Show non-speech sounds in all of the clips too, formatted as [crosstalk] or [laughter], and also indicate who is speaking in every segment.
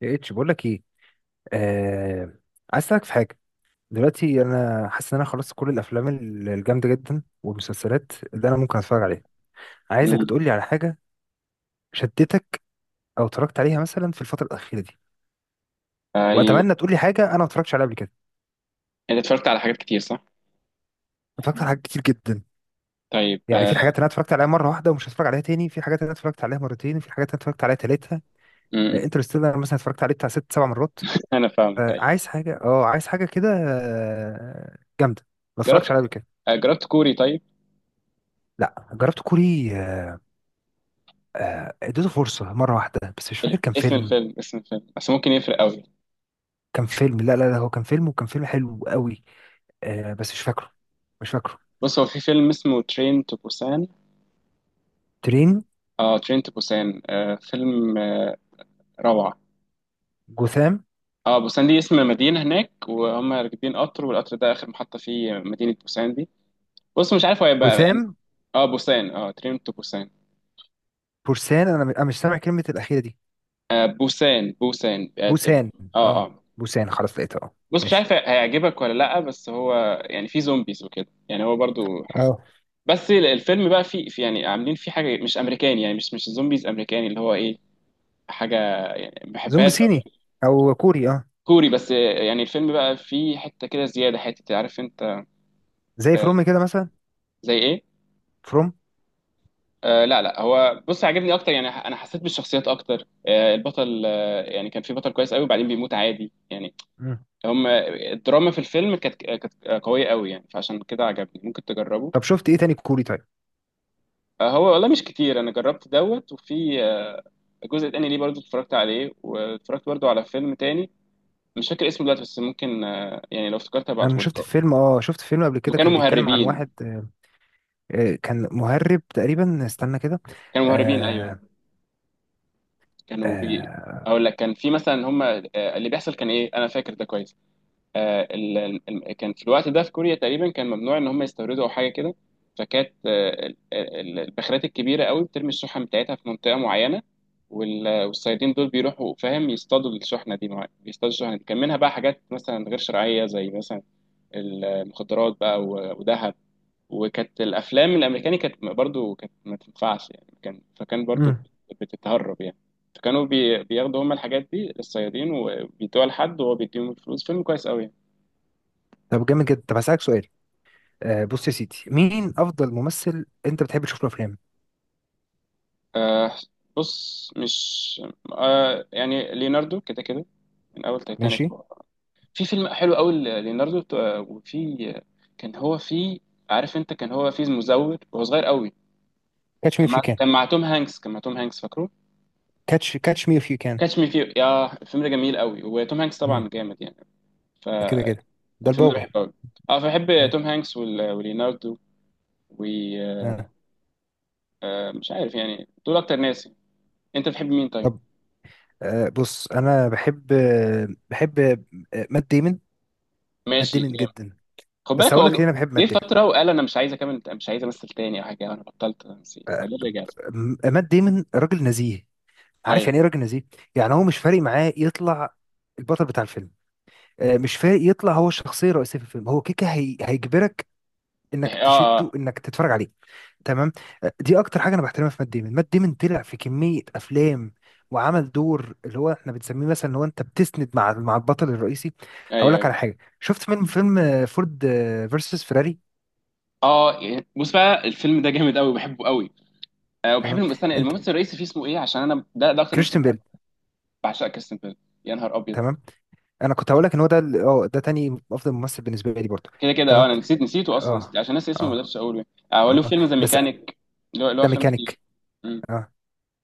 Speaker 1: يا اتش، بقول لك ايه. آه... عايز اسالك في حاجه. دلوقتي انا حاسس ان انا خلصت كل الافلام الجامده جدا والمسلسلات اللي انا ممكن اتفرج عليها. عايزك
Speaker 2: مم.
Speaker 1: تقول لي على حاجه شدتك او اتفرجت عليها مثلا في الفتره الاخيره دي،
Speaker 2: ايوه،
Speaker 1: واتمنى تقول لي حاجه انا ما اتفرجتش عليها قبل كده.
Speaker 2: انت اتفرجت على حاجات كتير صح؟
Speaker 1: اتفرجت على حاجات كتير جدا.
Speaker 2: طيب.
Speaker 1: يعني في حاجات انا اتفرجت عليها مره واحده ومش هتفرج عليها تاني، في حاجات انا اتفرجت عليها مرتين، وفي حاجات انا اتفرجت عليها تالتها.
Speaker 2: مم.
Speaker 1: انترستيلر مثلا اتفرجت عليه بتاع ست سبع مرات.
Speaker 2: انا فاهمك أيوة.
Speaker 1: عايز حاجه، كده، جامده، ما اتفرجش
Speaker 2: جربت
Speaker 1: عليها قبل كده.
Speaker 2: جربت كوري طيب.
Speaker 1: لا، جربت كوري اديته فرصة مرة واحدة بس مش فاكر كان فيلم.
Speaker 2: اسم الفيلم بس ممكن يفرق قوي.
Speaker 1: كان فيلم، لا، لا، لا، هو كان فيلم، وكان فيلم حلو قوي. بس مش فاكره. مش فاكره.
Speaker 2: بص، هو في فيلم اسمه ترين تو بوسان.
Speaker 1: ترين.
Speaker 2: اه ترين تو بوسان، فيلم روعة.
Speaker 1: جوثام.
Speaker 2: اه، بوسان دي اسم مدينة هناك، وهم راكبين قطر، والقطر ده آخر محطة فيه مدينة بوسان دي. بص مش عارف هو هيبقى.
Speaker 1: جوثام.
Speaker 2: اه بوسان، اه ترين تو بوسان.
Speaker 1: بورسان، أنا مش سامع كلمة الأخيرة دي.
Speaker 2: بوسان اه.
Speaker 1: بوسان.
Speaker 2: اه
Speaker 1: اه، بوسان، خلاص لقيتها، اه.
Speaker 2: بص، مش
Speaker 1: ماشي.
Speaker 2: عارف هيعجبك ولا لا، بس هو يعني في زومبيز وكده. يعني هو برضو
Speaker 1: اه،
Speaker 2: بس الفيلم بقى في يعني عاملين فيه حاجه مش امريكاني، يعني مش زومبيز امريكاني، اللي هو ايه، حاجه، يعني ما
Speaker 1: زومبي
Speaker 2: بحبهاش قوي
Speaker 1: صيني
Speaker 2: يعني.
Speaker 1: او كوري، اه.
Speaker 2: كوري، بس يعني الفيلم بقى فيه حته كده زياده، حته عارف انت.
Speaker 1: زي
Speaker 2: آه،
Speaker 1: فروم كده مثلا.
Speaker 2: زي ايه؟
Speaker 1: فروم.
Speaker 2: لا لا، هو بص عجبني اكتر، يعني انا حسيت بالشخصيات اكتر. البطل، يعني كان في بطل كويس قوي وبعدين بيموت عادي يعني.
Speaker 1: مم.
Speaker 2: هم الدراما في الفيلم كانت قويه قوي يعني، فعشان كده عجبني، ممكن تجربه.
Speaker 1: طب شفت ايه تاني كوري طيب؟
Speaker 2: هو والله مش كتير. انا جربت دوت، وفي آه، جزء تاني ليه برضو اتفرجت عليه، واتفرجت برضو على فيلم تاني مش فاكر اسمه دلوقتي، بس ممكن يعني لو افتكرت
Speaker 1: انا
Speaker 2: هبعتهولك.
Speaker 1: شفت فيلم، قبل
Speaker 2: هما
Speaker 1: كده
Speaker 2: كانوا
Speaker 1: كان بيتكلم عن
Speaker 2: مهربين.
Speaker 1: واحد كان مهرب تقريبا، استنى كده.
Speaker 2: كانوا مهربين، ايوه.
Speaker 1: آه.
Speaker 2: كانوا
Speaker 1: آه.
Speaker 2: اقول لك. كان في مثلا هما، اللي بيحصل كان ايه، انا فاكر ده كويس. آه، ال- كان في الوقت ده في كوريا تقريبا كان ممنوع ان هم يستوردوا او حاجه كده. فكانت البخارات الكبيره قوي بترمي الشحن بتاعتها في منطقه معينه، والصيادين دول بيروحوا فاهم يصطادوا الشحنه دي. بيصطادوا الشحنه دي، كان منها بقى حاجات مثلا غير شرعيه، زي مثلا المخدرات بقى وذهب. وكانت الافلام الامريكاني كانت برضو، كانت ما تنفعش يعني. كان، فكان برضو
Speaker 1: مم.
Speaker 2: بتتهرب يعني. فكانوا بياخدوا هم الحاجات دي للصيادين، وبيدوها لحد، وهو بيديهم الفلوس. فيلم كويس قوي يعني.
Speaker 1: طب جامد جدا، طب هسألك سؤال. بص يا سيدي، مين افضل ممثل انت بتحب تشوف له افلام؟
Speaker 2: آه، بص مش. يعني ليوناردو كده كده، من اول تايتانيك.
Speaker 1: ماشي.
Speaker 2: في فيلم حلو قوي، ليوناردو. آه، وفي كان هو في، عارف انت، كان هو في مزور وهو صغير قوي.
Speaker 1: كاتش مي اف يو كان.
Speaker 2: كان مع توم هانكس، فاكره
Speaker 1: كاتش مي اف يو كان.
Speaker 2: كاتش مي فيه. يا الفيلم ده جميل قوي، وتوم هانكس
Speaker 1: مم.
Speaker 2: طبعا جامد يعني.
Speaker 1: ده كده كده. ده
Speaker 2: فالفيلم ده
Speaker 1: البابا.
Speaker 2: بحبه قوي. اه فبحب
Speaker 1: آه.
Speaker 2: توم هانكس وليوناردو. ومش
Speaker 1: آه.
Speaker 2: عارف يعني، دول اكتر ناس. انت بتحب مين طيب؟
Speaker 1: طب. بص، انا بحب مات ديمون. مات
Speaker 2: ماشي.
Speaker 1: ديمون جدا.
Speaker 2: خد
Speaker 1: بس
Speaker 2: بالك
Speaker 1: هقول
Speaker 2: هو
Speaker 1: لك ليه انا بحب مات
Speaker 2: جه
Speaker 1: ديمون.
Speaker 2: فتره وقال انا مش عايز اكمل، مش عايز امثل تاني او حاجه. انا بطلت تمثيل، بعدين رجعت.
Speaker 1: مات ديمون راجل نزيه. عارف
Speaker 2: ايوه.
Speaker 1: يعني ايه راجل نزيه؟ يعني هو مش فارق معاه يطلع البطل بتاع الفيلم. مش فارق يطلع هو الشخصيه الرئيسيه في الفيلم، هو كيكه، هيجبرك انك
Speaker 2: اه
Speaker 1: تشده،
Speaker 2: اه
Speaker 1: انك تتفرج عليه. تمام. دي اكتر حاجه انا بحترمها في مات ديمون. مات ديمون طلع في كميه افلام وعمل دور اللي هو احنا بنسميه مثلا ان هو انت بتسند مع البطل الرئيسي. هقول
Speaker 2: ايوه
Speaker 1: لك
Speaker 2: ايوه.
Speaker 1: على حاجه، شفت فيلم فورد فيرسس فيراري؟
Speaker 2: اه يعني بص بقى، الفيلم ده جامد قوي وبحبه قوي. آه، وبحب
Speaker 1: تمام.
Speaker 2: استنى،
Speaker 1: انت.
Speaker 2: الممثل الرئيسي فيه اسمه ايه؟ عشان انا ده اكتر ممثل
Speaker 1: كريستيان
Speaker 2: بحبه.
Speaker 1: بيل.
Speaker 2: بعشق كريستيان بيل. يا نهار ابيض.
Speaker 1: تمام. انا كنت هقول لك ان هو ده ده تاني افضل ممثل بالنسبه لي برضه.
Speaker 2: كده كده،
Speaker 1: تمام.
Speaker 2: اه، انا نسيت، نسيته اصلا، نسيت.
Speaker 1: اه.
Speaker 2: عشان ناسي اسمه ما
Speaker 1: اه.
Speaker 2: قدرتش اقوله. آه هو له
Speaker 1: اه،
Speaker 2: فيلم ذا
Speaker 1: بس
Speaker 2: ميكانيك. له
Speaker 1: ده
Speaker 2: افلام كتير.
Speaker 1: ميكانيك.
Speaker 2: مم.
Speaker 1: آه.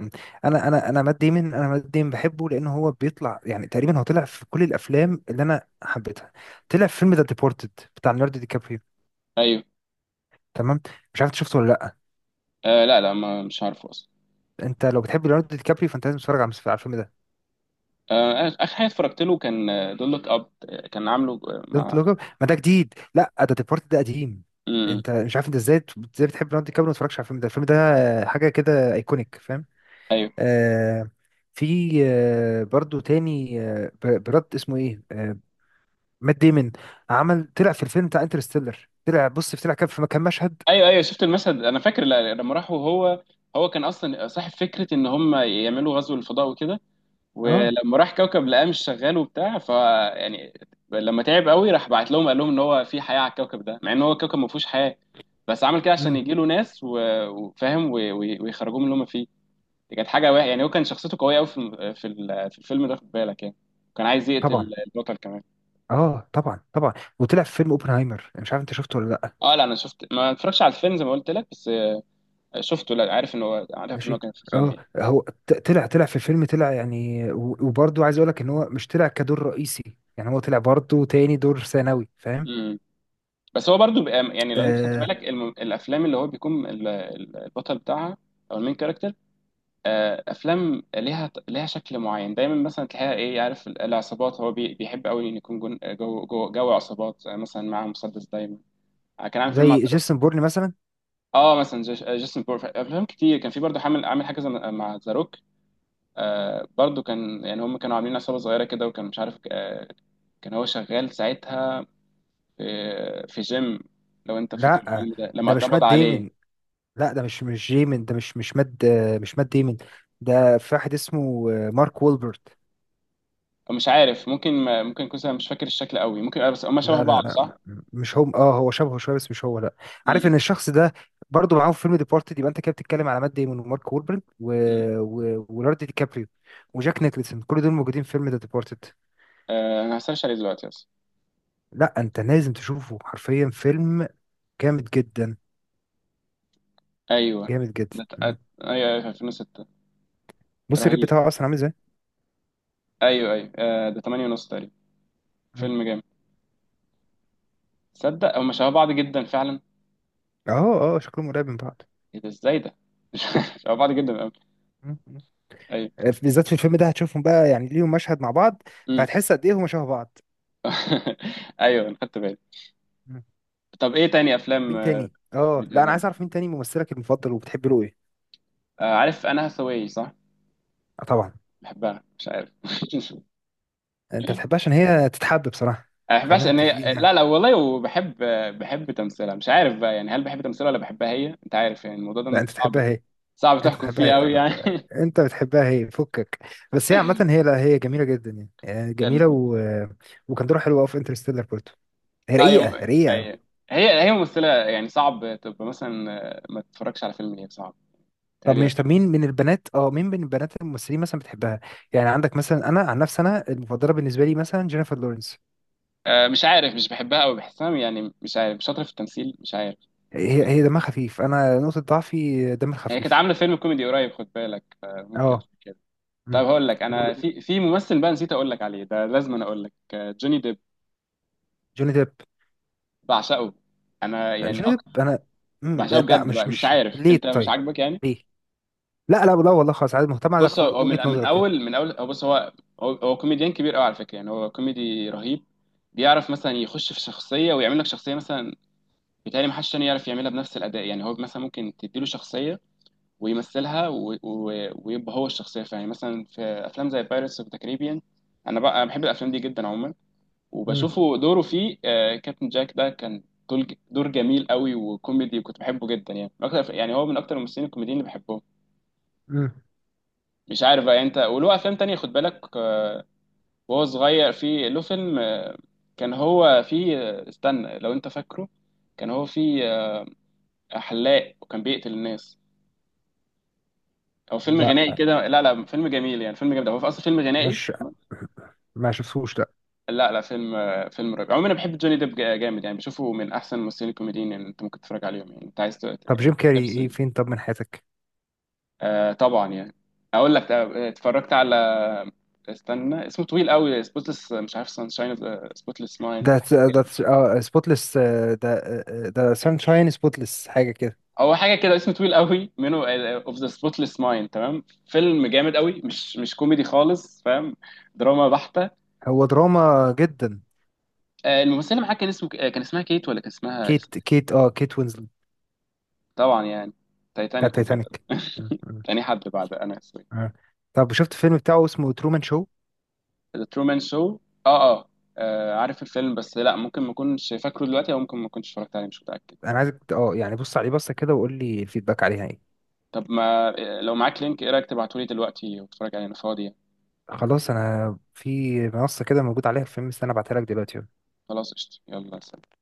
Speaker 1: مم. انا انا انا مات ديمن انا مات ديمن بحبه لان هو بيطلع يعني تقريبا هو طلع في كل الافلام اللي انا حبيتها. طلع في فيلم ذا ديبورتد بتاع ليوناردو دي كابريو.
Speaker 2: ايوه.
Speaker 1: تمام. مش عارف إنت شفته ولا لا.
Speaker 2: آه لا لا، ما مش عارفه اصلا.
Speaker 1: انت لو بتحب ليوناردو دي كابريو، فانت لازم تتفرج على الفيلم ده.
Speaker 2: آه، اخر حاجه اتفرجت له كان دول لوك اب. كان عامله
Speaker 1: دونت
Speaker 2: مع.
Speaker 1: لوك اب؟ ما ده جديد، لا، ده ديبورتد، ده قديم.
Speaker 2: مم.
Speaker 1: انت مش عارف انت ازاي، بتحب ليوناردو دي كابريو وما تتفرجش على الفيلم ده؟ الفيلم ده حاجه كده ايكونيك، فاهم؟
Speaker 2: ايوه
Speaker 1: آه. في برضو تاني، براد اسمه ايه، آه. مات ديمون. طلع في الفيلم بتاع انترستيلر. طلع، بص، طلع كان في كان مشهد.
Speaker 2: ايوه. ايوه شفت المشهد، انا فاكر لما راحوا، هو كان اصلا صاحب فكره ان هم يعملوا غزو للفضاء وكده.
Speaker 1: اه.
Speaker 2: ولما راح كوكب لقاه مش شغال وبتاع، ف يعني لما تعب قوي، راح بعت لهم قال لهم ان هو في حياه على الكوكب ده، مع ان هو الكوكب ما فيهوش حياه. بس عمل كده عشان
Speaker 1: امم.
Speaker 2: يجي له ناس وفاهم ويخرجوه من اللي هم فيه. دي كانت حاجه واحده يعني. هو كان شخصيته قويه قوي في في الفيلم ده، خد بالك يعني. كان عايز
Speaker 1: طبعا.
Speaker 2: يقتل البطل كمان.
Speaker 1: اه، طبعا، طبعا. وطلع في فيلم اوبنهايمر، مش عارف انت شفته ولا لا.
Speaker 2: اه لا، انا شفت ما اتفرجش على الفيلم زي ما قلت لك، بس شفته. لا عارف ان هو، عارف ان هو
Speaker 1: ماشي.
Speaker 2: كان في فيلم
Speaker 1: اه،
Speaker 2: يعني.
Speaker 1: هو طلع في الفيلم، طلع يعني، وبرضه عايز اقول لك ان هو مش طلع كدور رئيسي، يعني هو طلع برضه تاني دور ثانوي، فاهم؟
Speaker 2: مم. بس هو برضو بقى، يعني لو انت خدت
Speaker 1: آه.
Speaker 2: بالك الم... الافلام اللي هو بيكون البطل بتاعها، او المين كاركتر. افلام ليها ليها شكل معين دايما، مثلا تلاقيها ايه، عارف العصابات. هو بي... بيحب قوي ان يكون جون... جو... جو... جو عصابات. مثلا معاه مسدس دايما. كان عامل فيلم مع
Speaker 1: زي
Speaker 2: زاروك.
Speaker 1: جيسون بورن مثلا.
Speaker 2: اه مثلا جيش... جيسون بور. افلام كتير كان في برضو، عامل عامل حاجه مع زاروك. آه برضو كان يعني هم كانوا عاملين عصابه صغيره كده، وكان مش عارف آه. كان هو شغال ساعتها في في جيم، لو انت فاكر
Speaker 1: لا،
Speaker 2: الفيلم ده لما
Speaker 1: ده مش مات
Speaker 2: اتقبض عليه.
Speaker 1: ديمون. لا، ده مش ديمون، ده مش مات ديمون. ده في واحد اسمه مارك وولبرت.
Speaker 2: مش عارف، ممكن، ما ممكن يكون، أنا مش فاكر الشكل قوي. ممكن بس هما شبه
Speaker 1: لا،
Speaker 2: بعض
Speaker 1: لا، لا.
Speaker 2: صح؟
Speaker 1: مش هو، هو شبهه شويه بس مش هو، لا. عارف
Speaker 2: امم.
Speaker 1: ان الشخص ده برضه معاهم في فيلم ديبارتد؟ يبقى انت كده بتتكلم على مات ديمون ومارك وولبرن
Speaker 2: امم.
Speaker 1: وليوناردو دي كابريو وجاك نيكلسون، كل دول موجودين في فيلم ذا ديبارتد.
Speaker 2: آه، انا هسيرش عليه دلوقتي بس.
Speaker 1: لا، انت لازم تشوفه حرفيا، فيلم جامد جدا،
Speaker 2: ايوه.
Speaker 1: جامد جدا.
Speaker 2: ده ت-
Speaker 1: م.
Speaker 2: آه، ايوه ايوه، في 2006.
Speaker 1: بص الريت
Speaker 2: رهيب.
Speaker 1: بتاعه اصلا عامل ازاي؟
Speaker 2: ايوه ايوه، ده 8 ونص تقريبا.
Speaker 1: م.
Speaker 2: فيلم جامد. تصدق هما شبه بعض جدا فعلا؟
Speaker 1: اه، اه، شكلهم قريب من بعض.
Speaker 2: ايه ده، ازاي ده؟ [laughs] شبه بعض جدا قوي.
Speaker 1: م. م.
Speaker 2: ايوه.
Speaker 1: بالذات في الفيلم ده هتشوفهم بقى، يعني ليهم مشهد مع بعض،
Speaker 2: امم.
Speaker 1: فهتحس قد ايه هما شبه بعض.
Speaker 2: [laughs] ايوه انا خدت بالي.
Speaker 1: م.
Speaker 2: طب ايه تاني افلام
Speaker 1: مين تاني اه لا، انا
Speaker 2: بتعجبك؟
Speaker 1: عايز اعرف مين تاني ممثلك المفضل وبتحب له ايه؟
Speaker 2: عارف انا هاثاواي صح؟
Speaker 1: طبعا.
Speaker 2: بحبها مش عارف. [laughs]
Speaker 1: انت
Speaker 2: انا
Speaker 1: تحبها عشان هي تتحب بصراحه.
Speaker 2: ما
Speaker 1: خلينا
Speaker 2: بحبهاش ان
Speaker 1: متفقين
Speaker 2: هي، لا
Speaker 1: يعني.
Speaker 2: لا والله. وبحب، بحب تمثيلها. مش عارف بقى يعني، هل بحب تمثيلها ولا بحبها هي، انت عارف يعني؟ الموضوع
Speaker 1: لا،
Speaker 2: ده
Speaker 1: انت
Speaker 2: صعب،
Speaker 1: تحبها هي.
Speaker 2: صعب
Speaker 1: انت
Speaker 2: تحكم
Speaker 1: تحبها
Speaker 2: فيه قوي
Speaker 1: هي.
Speaker 2: يعني. [laughs]
Speaker 1: انت بتحبها هي، فكك. بس هي عامه، هي، لا، هي جميله جدا يعني، جميله
Speaker 2: لان،
Speaker 1: وكان دورها حلو قوي في انترستيلر برضه. هي
Speaker 2: اه، يوم...
Speaker 1: رقيقه رقيقه قوي.
Speaker 2: أي... [laughs] هي هي ممثله يعني، صعب تبقى مثلا ما تتفرجش على فيلم هي، صعب
Speaker 1: طب
Speaker 2: تهيألي.
Speaker 1: مش، مين من البنات، الممثلين مثلا بتحبها؟ يعني عندك مثلا، انا عن نفسي انا المفضله بالنسبه لي مثلا جينيفر لورنس.
Speaker 2: مش عارف، مش بحبها قوي، بحسها يعني مش عارف، مش شاطره في التمثيل، مش عارف.
Speaker 1: هي دمها خفيف، انا نقطه ضعفي دم
Speaker 2: هي كانت
Speaker 1: الخفيف.
Speaker 2: عامله فيلم كوميدي قريب خد بالك، فممكن
Speaker 1: اه.
Speaker 2: عشان كده. طب
Speaker 1: مم.
Speaker 2: هقول لك، انا
Speaker 1: وجوني
Speaker 2: في في ممثل بقى نسيت اقول لك عليه، ده لازم أنا اقول لك، جوني ديب.
Speaker 1: ديب.
Speaker 2: بعشقه انا يعني.
Speaker 1: جوني ديب، انا.
Speaker 2: بحسها
Speaker 1: لا،
Speaker 2: بجد
Speaker 1: مش
Speaker 2: بقى، مش
Speaker 1: مش
Speaker 2: عارف
Speaker 1: ليه
Speaker 2: انت، مش
Speaker 1: طيب.
Speaker 2: عاجبك يعني؟
Speaker 1: ليه؟ لا، لا، لا، والله، خلاص عادي، مهتم
Speaker 2: بص
Speaker 1: اعرف
Speaker 2: هو من
Speaker 1: وجهة
Speaker 2: من
Speaker 1: نظرك يعني.
Speaker 2: اول، من اول، هو بص هو، هو كوميديان كبير قوي على فكره يعني. هو كوميدي رهيب. بيعرف مثلا يخش في شخصيه ويعمل لك شخصيه مثلا، بيتهيألي محدش تاني يعرف يعملها بنفس الاداء يعني. هو مثلا ممكن تديله شخصيه ويمثلها ويبقى هو الشخصيه فيها يعني. مثلا في افلام زي بايرتس اوف ذا كاريبيان. انا بقى، أنا بحب الافلام دي جدا عموما.
Speaker 1: مم.
Speaker 2: وبشوفه دوره فيه كابتن جاك، ده كان دور، دور جميل قوي وكوميدي، وكنت بحبه جدا يعني. من اكتر، يعني هو من اكتر الممثلين الكوميديين اللي بحبهم.
Speaker 1: مم.
Speaker 2: مش عارف بقى انت. وله افلام تانية خد بالك. وهو صغير، في له فيلم كان هو فيه استنى لو انت فاكره. كان هو فيه حلاق وكان بيقتل الناس. هو فيلم
Speaker 1: لا،
Speaker 2: غنائي كده. لا لا، فيلم جميل يعني، فيلم جامد، هو في اصلا فيلم غنائي.
Speaker 1: مش، ما شفتوش، لا.
Speaker 2: لا لا، فيلم فيلم رائع عموما. انا بحب جوني ديب جامد يعني. بشوفه من احسن الممثلين الكوميديين، يعني انت ممكن تتفرج عليهم. يعني انت عايز
Speaker 1: طب جيم
Speaker 2: يعني.
Speaker 1: كاري ايه، فين طب من حياتك؟
Speaker 2: آه طبعا يعني. اقول لك اتفرجت على، استنى، اسمه طويل قوي. سبوتلess مش عارف، سانشاين اوف سبوتلess مايند.
Speaker 1: ده ده سبوتلess. ده سانشاين سبوتلess حاجة كده.
Speaker 2: هو حاجه كده اسمه طويل قوي منه. اوف ذا سبوتلess مايند، تمام. فيلم جامد قوي. مش كوميدي خالص فاهم، دراما بحته.
Speaker 1: هو دراما جدا.
Speaker 2: الممثله معاه كان اسمه كان اسمها كيت، ولا كان اسمها
Speaker 1: كيت وينزلت.
Speaker 2: طبعا يعني،
Speaker 1: بتاع
Speaker 2: تايتانيك وكده.
Speaker 1: تايتانيك. مم.
Speaker 2: [laughs]
Speaker 1: مم.
Speaker 2: تاني حد بعد انا، سوري.
Speaker 1: آه. طب شفت فيلم بتاعه اسمه ترومان شو؟
Speaker 2: ذا ترومان شو. اه اه. عارف الفيلم، بس لا ممكن ما اكونش فاكره دلوقتي او ممكن ما كنتش اتفرجت عليه، مش متاكد.
Speaker 1: انا عايزك يعني بص عليه بصة كده وقول لي الفيدباك عليها ايه.
Speaker 2: طب ما، لو معاك لينك، ايه رايك تبعتولي دلوقتي واتفرج عليه انا فاضي.
Speaker 1: خلاص، انا في منصه كده موجود عليها الفيلم، استنى ابعتها لك دلوقتي.
Speaker 2: خلاص قشطة، يلا سلام.